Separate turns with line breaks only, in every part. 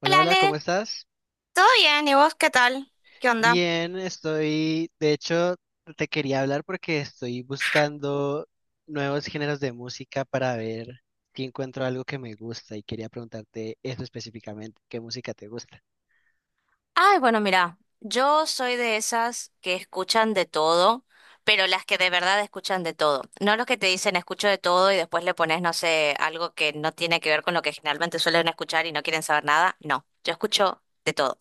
Hola,
Hola
hola, ¿cómo
Ale,
estás?
¿todo bien? ¿Y vos qué tal? ¿Qué onda?
Bien, estoy, de hecho, te quería hablar porque estoy buscando nuevos géneros de música para ver si encuentro algo que me gusta y quería preguntarte eso específicamente, ¿qué música te gusta?
Ay, bueno, mira, yo soy de esas que escuchan de todo, pero las que de verdad escuchan de todo. No los que te dicen escucho de todo y después le pones, no sé, algo que no tiene que ver con lo que generalmente suelen escuchar y no quieren saber nada. No, yo escucho de todo.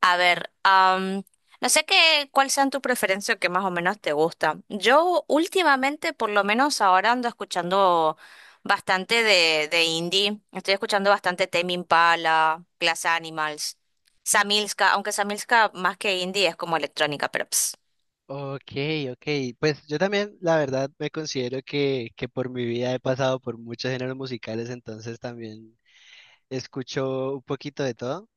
A ver, no sé qué, cuál sean tu preferencia o qué más o menos te gusta. Yo últimamente, por lo menos ahora ando escuchando bastante de indie. Estoy escuchando bastante Tame Impala, Glass Animals, Samilska, aunque Samilska más que indie es como electrónica, pero ps.
Ok, ok. Pues yo también, la verdad, me considero que, por mi vida he pasado por muchos géneros musicales, entonces también escucho un poquito de todo.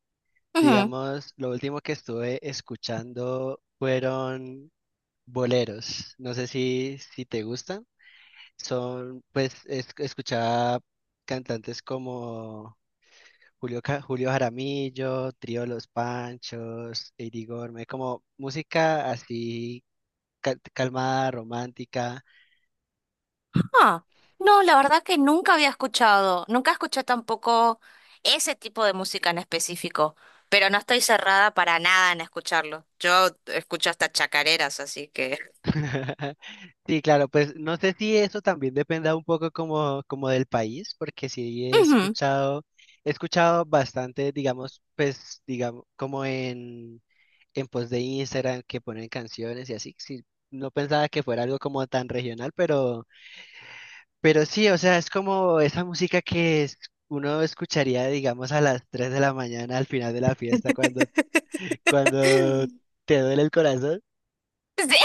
Digamos, lo último que estuve escuchando fueron boleros. No sé si, te gustan. Son, pues, escuchaba cantantes como Julio Jaramillo, Trío Los Panchos, Eddie Gorme, como música así calmada, romántica.
Ah, no, la verdad que nunca había escuchado, nunca escuché tampoco ese tipo de música en específico, pero no estoy cerrada para nada en escucharlo. Yo escucho hasta chacareras, así que...
Sí, claro, pues no sé si eso también dependa un poco como del país, porque sí he
Ujú.
escuchado, he escuchado bastante, digamos, pues, digamos, como en post de Instagram que ponen canciones y así, sí, no pensaba que fuera algo como tan regional, pero sí, o sea, es como esa música que uno escucharía, digamos, a las 3 de la mañana al final de la fiesta cuando, te duele el corazón.
Sí.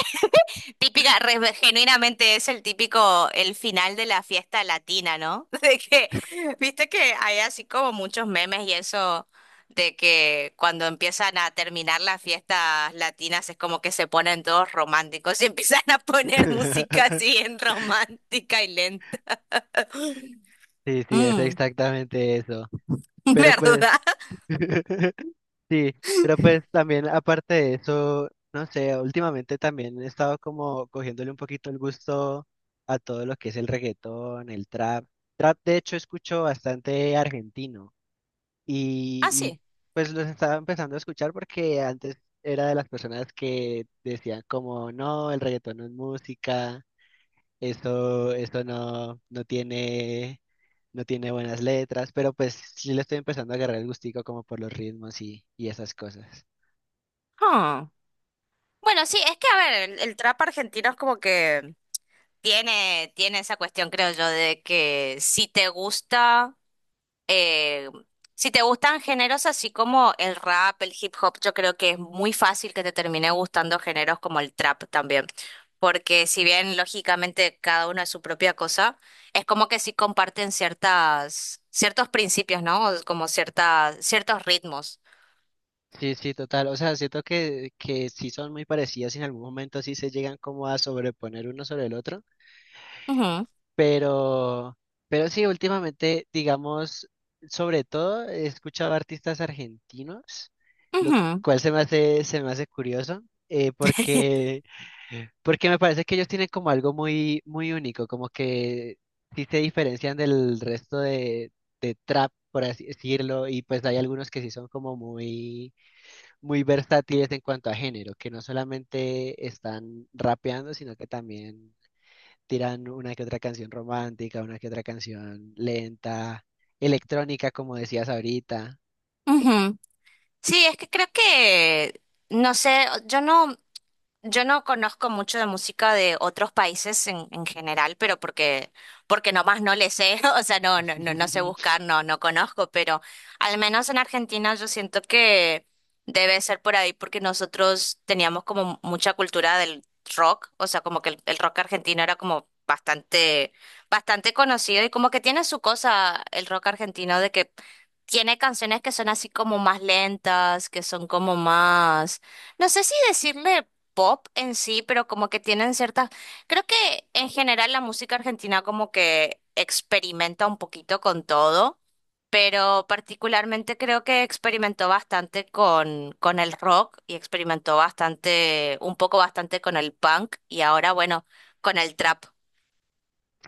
Típica, genuinamente es el típico, el final de la fiesta latina, ¿no? De que, viste que hay así como muchos memes y eso de que cuando empiezan a terminar las fiestas latinas es como que se ponen todos románticos y empiezan a poner música así bien romántica y lenta.
Sí, sí, es
Mm,
exactamente eso. Pero pues,
¿verdad?
sí, pero pues también aparte de eso, no sé, últimamente también he estado como cogiéndole un poquito el gusto a todo lo que es el reggaetón, el trap. Trap, de hecho, escucho bastante argentino y,
Ah,
y
sí.
pues los estaba empezando a escuchar porque antes era de las personas que decían como, no, el reggaetón no es música. Eso no, no tiene, buenas letras, pero pues sí le estoy empezando a agarrar el gustico como por los ritmos y, esas cosas.
Huh. Bueno, sí, es que a ver, el trap argentino es como que tiene esa cuestión, creo yo, de que si te gusta. eh, si te gustan géneros así como el rap, el hip hop, yo creo que es muy fácil que te termine gustando géneros como el trap también. Porque si bien lógicamente cada uno es su propia cosa, es como que sí comparten ciertas, ciertos principios, ¿no? Como ciertas, ciertos ritmos.
Sí, sí, total. O sea, siento que sí son muy parecidas y en algún momento sí se llegan como a sobreponer uno sobre el otro,
Ujú,
pero, pero, sí, últimamente, digamos, sobre todo he escuchado artistas argentinos, lo
ujú.
cual se me hace curioso, eh, porque Porque me parece que ellos tienen como algo muy, muy único, como que sí se diferencian del resto de trap, por así decirlo, y pues hay algunos que sí son como muy, muy versátiles en cuanto a género, que no solamente están rapeando, sino que también tiran una que otra canción romántica, una que otra canción lenta, electrónica, como decías ahorita.
Ujú. Sí, es que creo que, no sé, yo no conozco mucho de música de otros países en general, pero porque, porque nomás no le sé, o sea, no sé buscar, no, no conozco, pero al menos en Argentina yo siento que debe ser por ahí porque nosotros teníamos como mucha cultura del rock, o sea, como que el rock argentino era como bastante, bastante conocido y como que tiene su cosa el rock argentino de que tiene canciones que son así como más lentas, que son como más... No sé si decirle pop en sí, pero como que tienen ciertas... Creo que en general la música argentina como que experimenta un poquito con todo, pero particularmente creo que experimentó bastante con el rock y experimentó bastante, un poco bastante con el punk y ahora bueno, con el trap.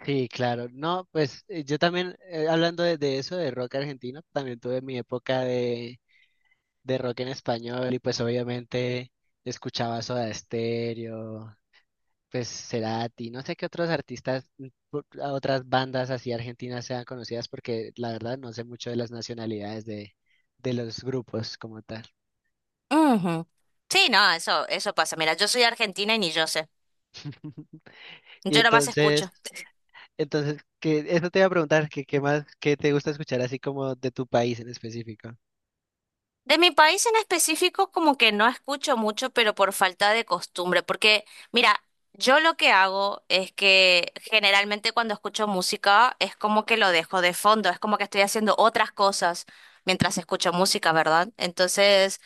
Sí, claro. No, pues yo también, hablando de, eso, de rock argentino, también tuve mi época de rock en español y pues obviamente escuchaba Soda Stereo, pues Cerati, no sé qué otros artistas, a otras bandas así argentinas sean conocidas porque la verdad no sé mucho de las nacionalidades de, los grupos como tal.
Ujú. Sí, no, eso pasa. Mira, yo soy argentina y ni yo sé.
Y
Yo nomás
entonces,
escucho.
entonces que eso te iba a preguntar, que qué más, qué te gusta escuchar así como de tu país en específico.
De mi país en específico, como que no escucho mucho, pero por falta de costumbre, porque mira, yo lo que hago es que generalmente cuando escucho música es como que lo dejo de fondo, es como que estoy haciendo otras cosas mientras escucho música, ¿verdad? Entonces,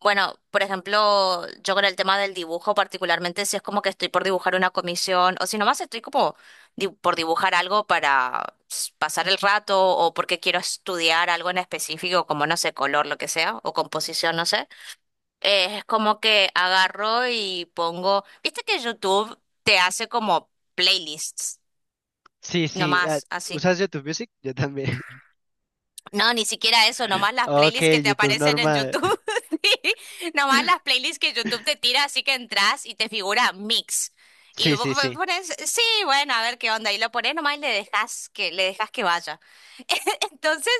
bueno, por ejemplo, yo con el tema del dibujo, particularmente si es como que estoy por dibujar una comisión o si nomás estoy como por dibujar algo para pasar el rato o porque quiero estudiar algo en específico, como no sé, color, lo que sea, o composición, no sé, es como que agarro y pongo, viste que YouTube te hace como playlists,
Sí, sí, ah,
nomás así.
¿usas YouTube Music? Yo también.
No, ni siquiera eso, nomás las
Ok,
playlists que te
YouTube
aparecen en
normal.
YouTube, sí, nomás las playlists que YouTube te tira, así que entras y te figura mix. Y
Sí,
vos
sí, sí.
pones, sí, bueno, a ver qué onda, y lo pones nomás y le dejas que vaya. Entonces,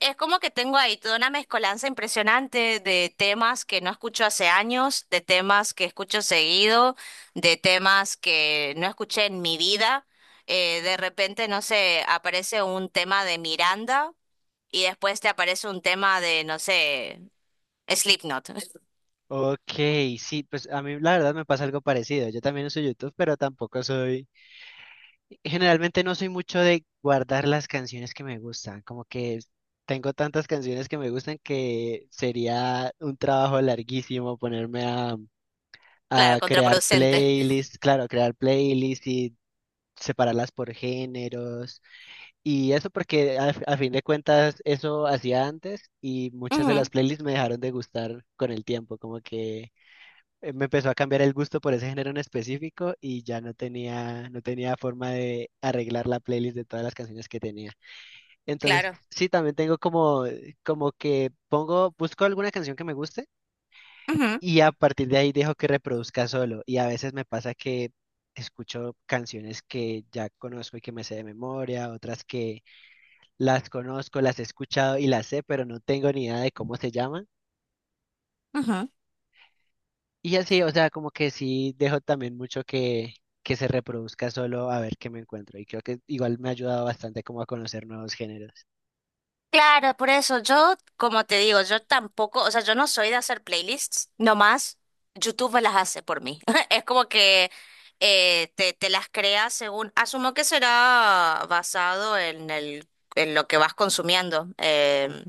es como que tengo ahí toda una mezcolanza impresionante de temas que no escucho hace años, de temas que escucho seguido, de temas que no escuché en mi vida. De repente, no sé, aparece un tema de Miranda y después te aparece un tema de, no sé, Slipknot.
Ok, sí, pues a mí la verdad me pasa algo parecido. Yo también uso YouTube, pero tampoco soy, generalmente no soy mucho de guardar las canciones que me gustan. Como que tengo tantas canciones que me gustan que sería un trabajo larguísimo ponerme a
Claro,
crear
contraproducente.
playlists, claro, crear playlists y separarlas por géneros. Y eso porque a fin de cuentas eso hacía antes y muchas de las
Ujú,
playlists me dejaron de gustar con el tiempo, como que me empezó a cambiar el gusto por ese género en específico y ya no tenía, forma de arreglar la playlist de todas las canciones que tenía. Entonces,
claro.
sí, también tengo como que pongo, busco alguna canción que me guste
Ujú,
y a partir de ahí dejo que reproduzca solo. Y a veces me pasa que escucho canciones que ya conozco y que me sé de memoria, otras que las conozco, las he escuchado y las sé, pero no tengo ni idea de cómo se llaman.
ujú.
Y así, o sea, como que sí dejo también mucho que se reproduzca solo a ver qué me encuentro. Y creo que igual me ha ayudado bastante como a conocer nuevos géneros.
Claro, por eso yo, como te digo, yo tampoco, o sea, yo no soy de hacer playlists, nomás YouTube me las hace por mí. Es como que te las crea según, asumo que será basado en el, en lo que vas consumiendo.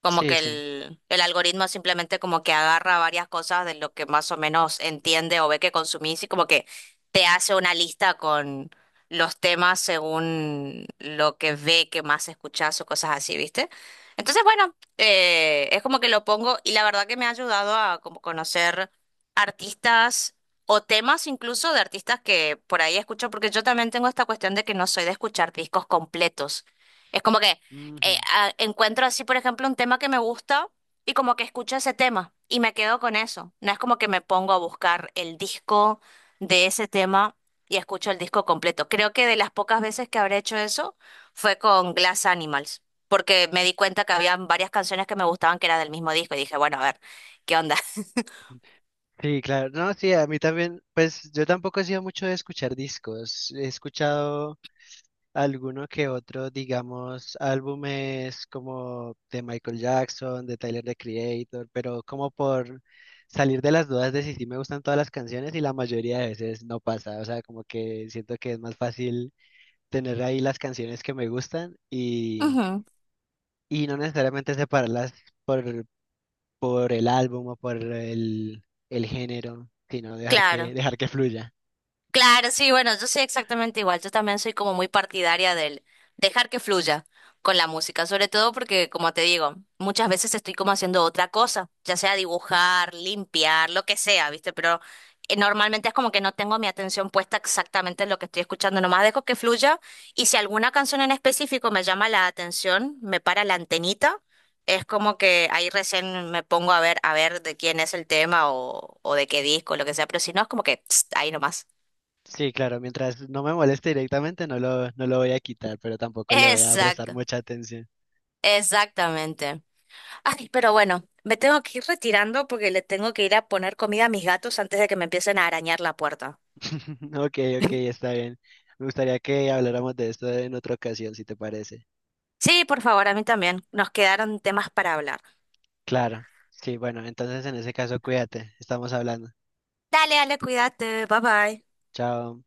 Como
Sí,
que
sí.
el algoritmo simplemente como que agarra varias cosas de lo que más o menos entiende o ve que consumís y como que te hace una lista con los temas según lo que ve que más escuchás o cosas así, ¿viste? Entonces, bueno, es como que lo pongo y la verdad que me ha ayudado a como conocer artistas o temas incluso de artistas que por ahí escucho, porque yo también tengo esta cuestión de que no soy de escuchar discos completos. Es como que
Ujú.
encuentro así, por ejemplo, un tema que me gusta y como que escucho ese tema y me quedo con eso. No es como que me pongo a buscar el disco de ese tema y escucho el disco completo. Creo que de las pocas veces que habré hecho eso fue con Glass Animals, porque me di cuenta que había varias canciones que me gustaban que era del mismo disco y dije, bueno, a ver, ¿qué onda?
Sí, claro. No, sí, a mí también, pues yo tampoco he sido mucho de escuchar discos. He escuchado alguno que otro, digamos, álbumes como de Michael Jackson, de Tyler the Creator, pero como por salir de las dudas de si sí me gustan todas las canciones y la mayoría de veces no pasa, o sea, como que siento que es más fácil tener ahí las canciones que me gustan y,
Ujú,
y no necesariamente separarlas por, por el álbum o por el género, sino dejar que,
claro.
dejar que fluya.
Claro, sí, bueno, yo soy exactamente igual. Yo también soy como muy partidaria del dejar que fluya con la música, sobre todo porque, como te digo, muchas veces estoy como haciendo otra cosa, ya sea dibujar, limpiar, lo que sea, ¿viste? Pero normalmente es como que no tengo mi atención puesta exactamente en lo que estoy escuchando, nomás dejo que fluya y si alguna canción en específico me llama la atención, me para la antenita. Es como que ahí recién me pongo a ver de quién es el tema o de qué disco, lo que sea, pero si no, es como que pst, ahí nomás.
Sí, claro, mientras no me moleste directamente no lo, voy a quitar, pero tampoco le voy a prestar
Exacto,
mucha atención.
exactamente. Ay, pero bueno, me tengo que ir retirando porque le tengo que ir a poner comida a mis gatos antes de que me empiecen a arañar la puerta.
Ok, ok, está bien. Me gustaría que habláramos de esto en otra ocasión, si te parece.
Sí, por favor, a mí también. Nos quedaron temas para hablar.
Claro, sí, bueno, entonces en ese caso cuídate, estamos hablando.
Dale, dale, cuídate. Bye bye.
Chao.